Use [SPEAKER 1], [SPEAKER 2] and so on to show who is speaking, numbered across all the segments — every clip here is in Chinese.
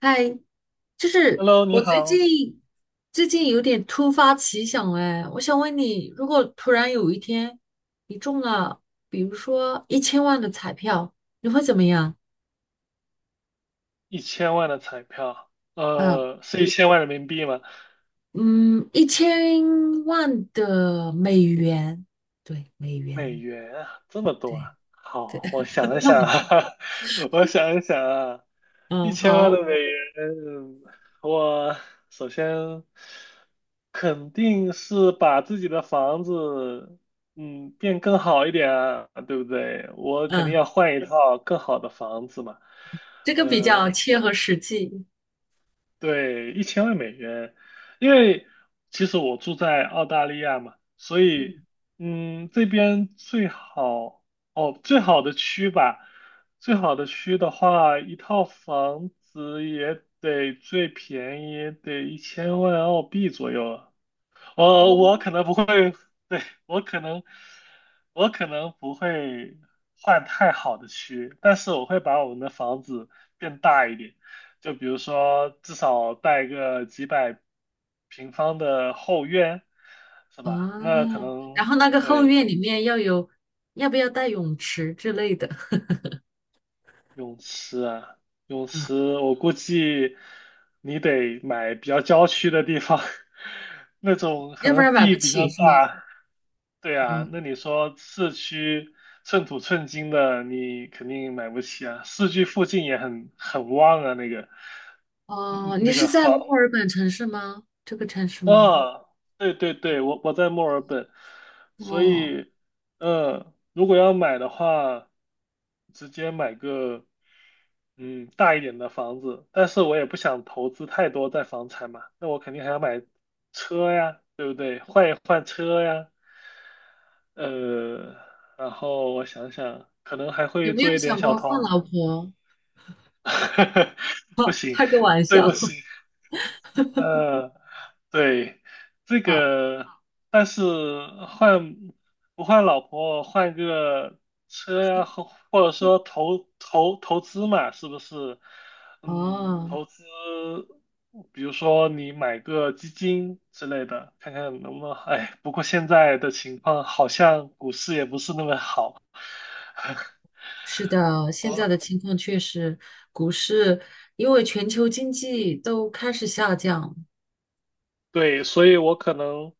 [SPEAKER 1] 嗨，就是
[SPEAKER 2] Hello，你
[SPEAKER 1] 我最
[SPEAKER 2] 好。
[SPEAKER 1] 近最近有点突发奇想哎，我想问你，如果突然有一天你中了，比如说一千万的彩票，你会怎么样？
[SPEAKER 2] 1000万的彩票，
[SPEAKER 1] 啊，
[SPEAKER 2] 是一千万人民币吗？
[SPEAKER 1] 嗯，一千万的美元，对，美
[SPEAKER 2] 美
[SPEAKER 1] 元，
[SPEAKER 2] 元啊，这么多
[SPEAKER 1] 对
[SPEAKER 2] 啊！
[SPEAKER 1] 对，
[SPEAKER 2] 好，我想 一
[SPEAKER 1] 那么，
[SPEAKER 2] 想啊。我想一想啊，一
[SPEAKER 1] 嗯，
[SPEAKER 2] 千万
[SPEAKER 1] 好，
[SPEAKER 2] 的美元，我首先肯定是把自己的房子，变更好一点啊，对不对？我肯定
[SPEAKER 1] 嗯，
[SPEAKER 2] 要换一套更好的房子嘛。
[SPEAKER 1] 这个比
[SPEAKER 2] 呃，
[SPEAKER 1] 较切合实际，
[SPEAKER 2] 对，一千万美元，因为其实我住在澳大利亚嘛，所以
[SPEAKER 1] 嗯，
[SPEAKER 2] 这边最好的区吧，最好的区的话，一套房子也得最便宜也得一千万澳币左右了。我
[SPEAKER 1] 哦，
[SPEAKER 2] 可能不会，对，我可能不会换太好的区，但是我会把我们的房子变大一点，就比如说至少带个几百平方的后院，是吧？那可
[SPEAKER 1] 啊，然
[SPEAKER 2] 能，
[SPEAKER 1] 后那个后
[SPEAKER 2] 对，
[SPEAKER 1] 院里面要有，要不要带泳池之类的？
[SPEAKER 2] 泳池啊。泳
[SPEAKER 1] 啊，
[SPEAKER 2] 池，我估计你得买比较郊区的地方，那种可
[SPEAKER 1] 要不
[SPEAKER 2] 能
[SPEAKER 1] 然买不
[SPEAKER 2] 地比较
[SPEAKER 1] 起是吗？
[SPEAKER 2] 大。对啊，
[SPEAKER 1] 哦
[SPEAKER 2] 那你说市区寸土寸金的，你肯定买不起啊。市区附近也很旺啊，那个嗯
[SPEAKER 1] 哦，你
[SPEAKER 2] 那个
[SPEAKER 1] 是在
[SPEAKER 2] 房
[SPEAKER 1] 墨尔本城市吗？这个城市吗？
[SPEAKER 2] 啊，对对对，我在墨尔本，所
[SPEAKER 1] 哦，
[SPEAKER 2] 以，嗯，如果要买的话，直接买个，大一点的房子。但是我也不想投资太多在房产嘛，那我肯定还要买车呀，对不对？换一换车呀。呃，然后我想想，可能还
[SPEAKER 1] 有
[SPEAKER 2] 会
[SPEAKER 1] 没
[SPEAKER 2] 做
[SPEAKER 1] 有
[SPEAKER 2] 一点
[SPEAKER 1] 想
[SPEAKER 2] 小
[SPEAKER 1] 过换
[SPEAKER 2] 投。
[SPEAKER 1] 老婆？
[SPEAKER 2] 不行，
[SPEAKER 1] 开个玩
[SPEAKER 2] 对
[SPEAKER 1] 笑。
[SPEAKER 2] 不起。呃。对，这
[SPEAKER 1] 啊！
[SPEAKER 2] 个，但是换不换老婆，换个车呀，或者说投资嘛，是不是？
[SPEAKER 1] 哦，
[SPEAKER 2] 投资，比如说你买个基金之类的，看看能不能。哎，不过现在的情况好像股市也不是那么好。
[SPEAKER 1] 是的，现在的
[SPEAKER 2] 哦，
[SPEAKER 1] 情况确实，股市因为全球经济都开始下降，
[SPEAKER 2] 对，所以我可能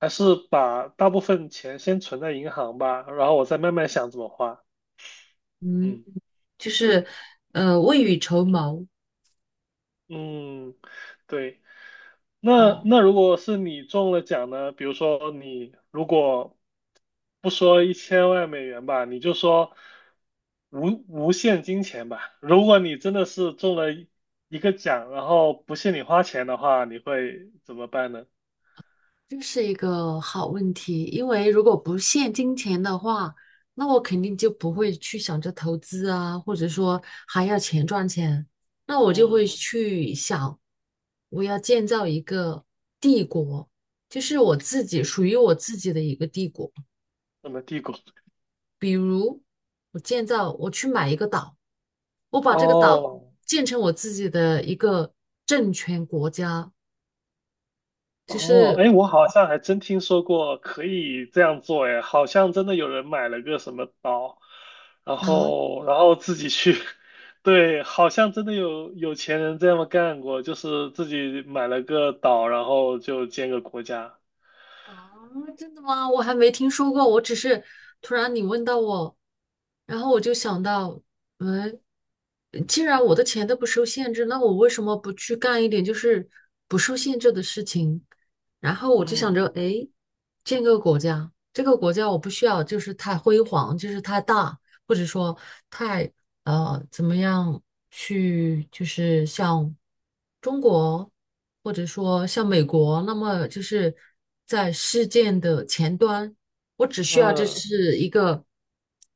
[SPEAKER 2] 还是把大部分钱先存在银行吧，然后我再慢慢想怎么花。
[SPEAKER 1] 嗯，
[SPEAKER 2] 嗯。
[SPEAKER 1] 就是
[SPEAKER 2] 对。
[SPEAKER 1] 未雨绸缪
[SPEAKER 2] 嗯，对。那
[SPEAKER 1] 哦。
[SPEAKER 2] 那如果是你中了奖呢？比如说你如果不说一千万美元吧，你就说无限金钱吧。如果你真的是中了一个奖，然后不限你花钱的话，你会怎么办呢？
[SPEAKER 1] 这是一个好问题，因为如果不限金钱的话，那我肯定就不会去想着投资啊，或者说还要钱赚钱，那我就会
[SPEAKER 2] 嗯，
[SPEAKER 1] 去想，我要建造一个帝国，就是我自己属于我自己的一个帝国。
[SPEAKER 2] 怎么帝国？
[SPEAKER 1] 比如我建造，我去买一个岛，我把这个岛
[SPEAKER 2] 哦。
[SPEAKER 1] 建成我自己的一个政权国家，就
[SPEAKER 2] 哦，
[SPEAKER 1] 是
[SPEAKER 2] 哎，我好像还真听说过可以这样做。哎，好像真的有人买了个什么岛，然
[SPEAKER 1] 啊，
[SPEAKER 2] 后然后自己去，对，好像真的有有钱人这么干过，就是自己买了个岛，然后就建个国家。
[SPEAKER 1] 啊，真的吗？我还没听说过，我只是突然你问到我，然后我就想到，嗯，既然我的钱都不受限制，那我为什么不去干一点就是不受限制的事情？然后我就想着，
[SPEAKER 2] 嗯
[SPEAKER 1] 哎，建个国家，这个国家我不需要就是太辉煌，就是太大，或者说太怎么样去就是像中国或者说像美国，那么就是在事件的前端，我只需要这
[SPEAKER 2] 嗯。
[SPEAKER 1] 是一个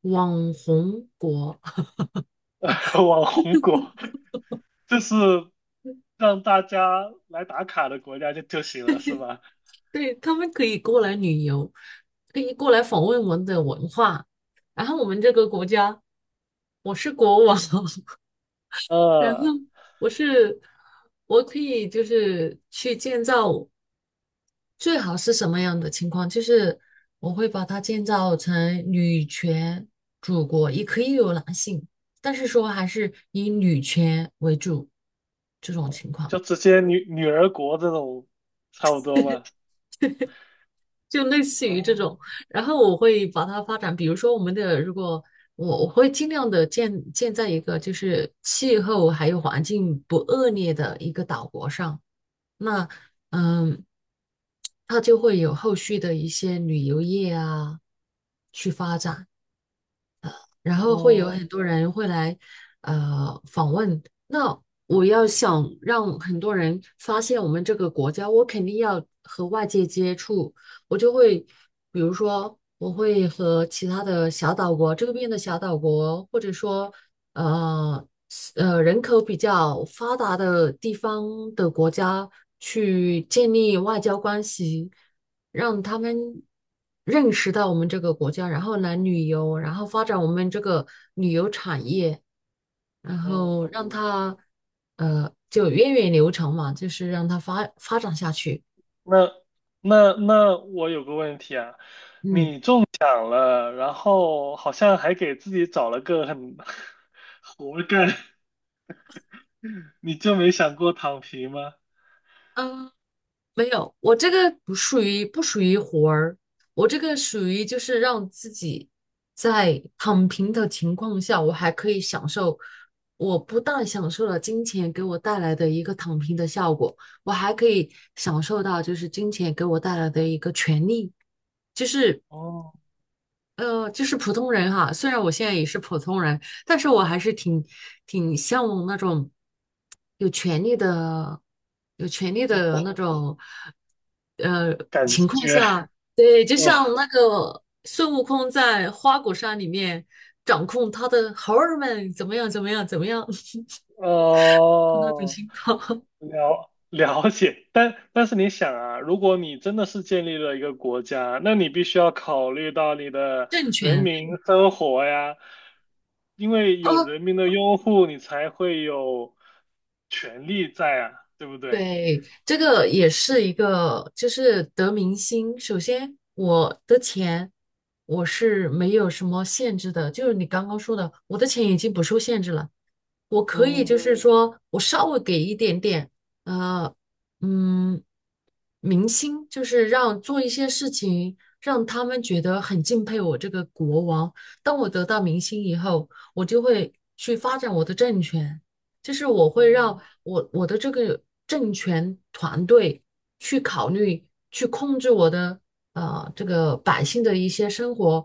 [SPEAKER 1] 网红国，
[SPEAKER 2] 网红国，就是让大家来打卡的国家就行了，是吧？
[SPEAKER 1] 对，他们可以过来旅游，可以过来访问我们的文化，然后我们这个国家，我是国王，然后。
[SPEAKER 2] 呃，
[SPEAKER 1] 我是我可以就是去建造，最好是什么样的情况？就是我会把它建造成女权祖国，也可以有男性，但是说还是以女权为主这种情况，
[SPEAKER 2] 就直接女儿国这种，差不多吧。
[SPEAKER 1] 就类似于这
[SPEAKER 2] 哦。
[SPEAKER 1] 种。然后我会把它发展，比如说我们的，如果我会尽量的建在一个就是气候还有环境不恶劣的一个岛国上，那嗯，它就会有后续的一些旅游业啊去发展。然后会有很
[SPEAKER 2] 哦。
[SPEAKER 1] 多人会来访问。那我要想让很多人发现我们这个国家，我肯定要和外界接触，我就会比如说我会和其他的小岛国周边的小岛国，或者说呃人口比较发达的地方的国家去建立外交关系。让他们认识到我们这个国家，然后来旅游，然后发展我们这个旅游产业，然后让
[SPEAKER 2] 嗯，
[SPEAKER 1] 它就源远流长嘛，就是让它发展下去。
[SPEAKER 2] 那那我有个问题啊，
[SPEAKER 1] 嗯，
[SPEAKER 2] 想了，然后好像还给自己找了个很 活干。你就没想过躺平吗？
[SPEAKER 1] 呃没有，我这个不属于活儿，我这个属于就是让自己在躺平的情况下，我还可以享受，我不但享受了金钱给我带来的一个躺平的效果，我还可以享受到就是金钱给我带来的一个权利，就是
[SPEAKER 2] 哦，
[SPEAKER 1] 就是普通人哈，虽然我现在也是普通人，但是我还是挺向往那种有权利的、有权利
[SPEAKER 2] 那
[SPEAKER 1] 的那
[SPEAKER 2] 我
[SPEAKER 1] 种呃
[SPEAKER 2] 感
[SPEAKER 1] 情况
[SPEAKER 2] 觉。
[SPEAKER 1] 下，对，就
[SPEAKER 2] 哦
[SPEAKER 1] 像那个孙悟空在花果山里面掌控他的猴儿们怎么样、怎么样、怎么样 那种
[SPEAKER 2] 哦。
[SPEAKER 1] 情况，
[SPEAKER 2] 了解，但是你想啊，如果你真的是建立了一个国家，那你必须要考虑到你 的
[SPEAKER 1] 政
[SPEAKER 2] 人
[SPEAKER 1] 权。
[SPEAKER 2] 民生活呀，因为
[SPEAKER 1] 啊。
[SPEAKER 2] 有人民的拥护，你才会有权利在啊，对不对？
[SPEAKER 1] 对，这个也是一个，就是得民心。首先，我的钱我是没有什么限制的，就是你刚刚说的，我的钱已经不受限制了，我可以
[SPEAKER 2] 嗯
[SPEAKER 1] 就是说我稍微给一点点，呃，嗯，民心，就是让做一些事情，让他们觉得很敬佩我这个国王。当我得到民心以后，我就会去发展我的政权。就是我会让
[SPEAKER 2] 嗯。
[SPEAKER 1] 我的这个政权团队去考虑，去控制我的这个百姓的一些生活，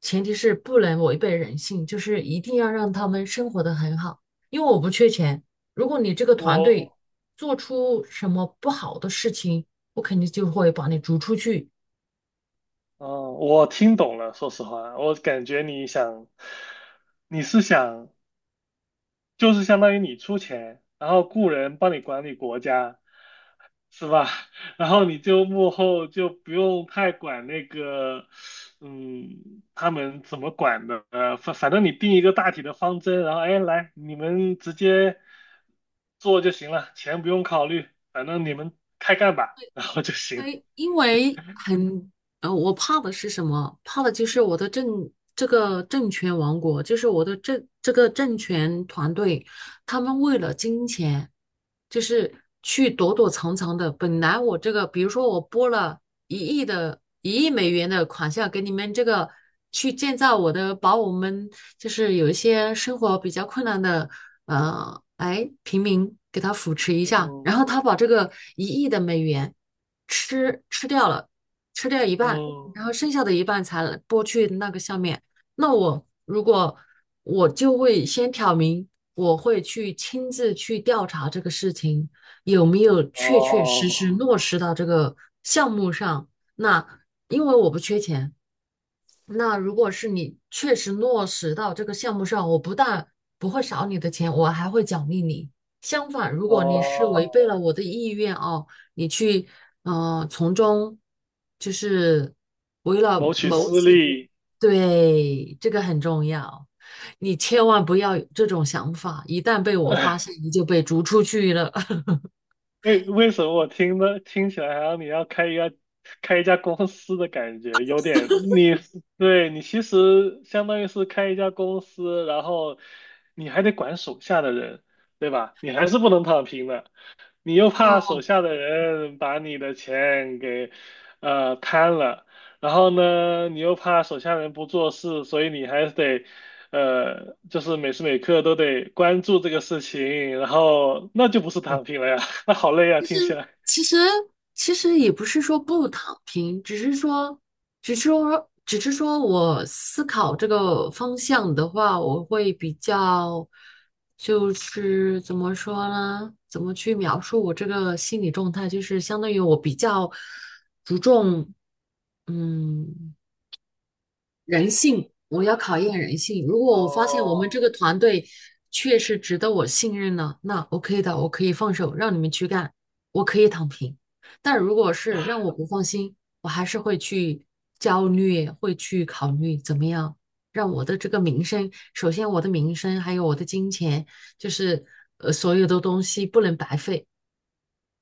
[SPEAKER 1] 前提是不能违背人性，就是一定要让他们生活的很好，因为我不缺钱。如果你这个团队
[SPEAKER 2] 我
[SPEAKER 1] 做出什么不好的事情，我肯定就会把你逐出去，
[SPEAKER 2] 嗯，我听懂了。说实话，我感觉你想，你是想，就是相当于你出钱，然后雇人帮你管理国家，是吧？然后你就幕后就不用太管那个，他们怎么管的。反正你定一个大体的方针，然后哎，来，你们直接做就行了，钱不用考虑，反正你们开干吧，然后就行了。
[SPEAKER 1] 因为很我怕的是什么？怕的就是我的这个政权王国，就是我的这个政权团队，他们为了金钱，就是去躲躲藏藏的。本来我这个，比如说我拨了1亿美元的款项给你们这个去建造我的，把我们就是有一些生活比较困难的。哎，平民给他扶持一下，然后
[SPEAKER 2] 嗯
[SPEAKER 1] 他把这个一亿的美元。吃掉了，吃掉一半，
[SPEAKER 2] 嗯。
[SPEAKER 1] 然后剩下的一半才拨去那个下面。那我如果我就会先挑明，我会去亲自去调查这个事情有没有确确实实
[SPEAKER 2] 哦
[SPEAKER 1] 落实到这个项目上。那因为我不缺钱。那如果是你确实落实到这个项目上，我不但不会少你的钱，我还会奖励你。相反，如果你是违
[SPEAKER 2] 哦。
[SPEAKER 1] 背了我的意愿哦，你去从中就是为了
[SPEAKER 2] 谋取
[SPEAKER 1] 谋
[SPEAKER 2] 私
[SPEAKER 1] 取，
[SPEAKER 2] 利。
[SPEAKER 1] 对，这个很重要。你千万不要有这种想法，一旦被我发 现，你就被逐出去了。
[SPEAKER 2] 为什么我听起来好像你要开一家公司的感觉，有点你对，你其实相当于是开一家公司，然后你还得管手下的人，对吧？你还是不能躺平的。你又怕
[SPEAKER 1] 啊，
[SPEAKER 2] 手下的人把你的钱给贪了，然后呢，你又怕手下人不做事，所以你还得就是每时每刻都得关注这个事情，然后那就不是
[SPEAKER 1] 对。
[SPEAKER 2] 躺平了呀。那好累啊，听起来。
[SPEAKER 1] 其实其实也不是说不躺平，只是说，我思考这个方向的话，我会比较，就是怎么说呢？怎么去描述我这个心理状态？就是相当于我比较注重，嗯。人性，我要考验人性。如果我发现我们
[SPEAKER 2] 哦。
[SPEAKER 1] 这个团队确实值得我信任了，那 OK 的，我可以放手让你们去干，我可以躺平。但如果是让我不放心，我还是会去焦虑，会去考虑怎么样让我的这个名声，首先我的名声，还有我的金钱，就是所有的东西不能白费，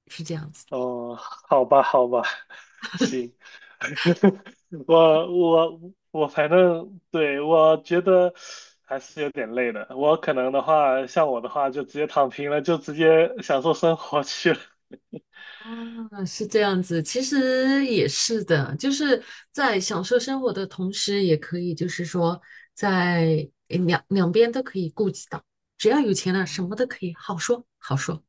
[SPEAKER 1] 是这样子。
[SPEAKER 2] 哦，好吧，好吧。行。我我我反正对我觉得还是有点累的。我可能的话，像我的话，就直接躺平了，就直接享受生活去了。
[SPEAKER 1] 啊，是这样子，其实也是的，就是在享受生活的同时，也可以就是说在两边都可以顾及到，只要有钱了，什么
[SPEAKER 2] 嗯
[SPEAKER 1] 都可以好说好说。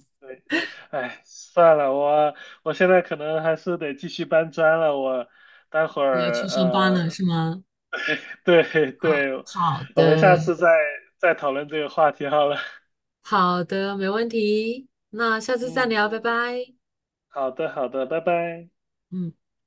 [SPEAKER 2] 对，哎，算了，我现在可能还是得继续搬砖了。我待会
[SPEAKER 1] 你要
[SPEAKER 2] 儿
[SPEAKER 1] 去上班了是吗？
[SPEAKER 2] 对对，
[SPEAKER 1] 好
[SPEAKER 2] 我们下
[SPEAKER 1] 的，
[SPEAKER 2] 次再讨论这个话题好了。
[SPEAKER 1] 好的，没问题，那下次再聊，
[SPEAKER 2] 嗯，
[SPEAKER 1] 拜拜。
[SPEAKER 2] 好的好的，拜拜。
[SPEAKER 1] 嗯。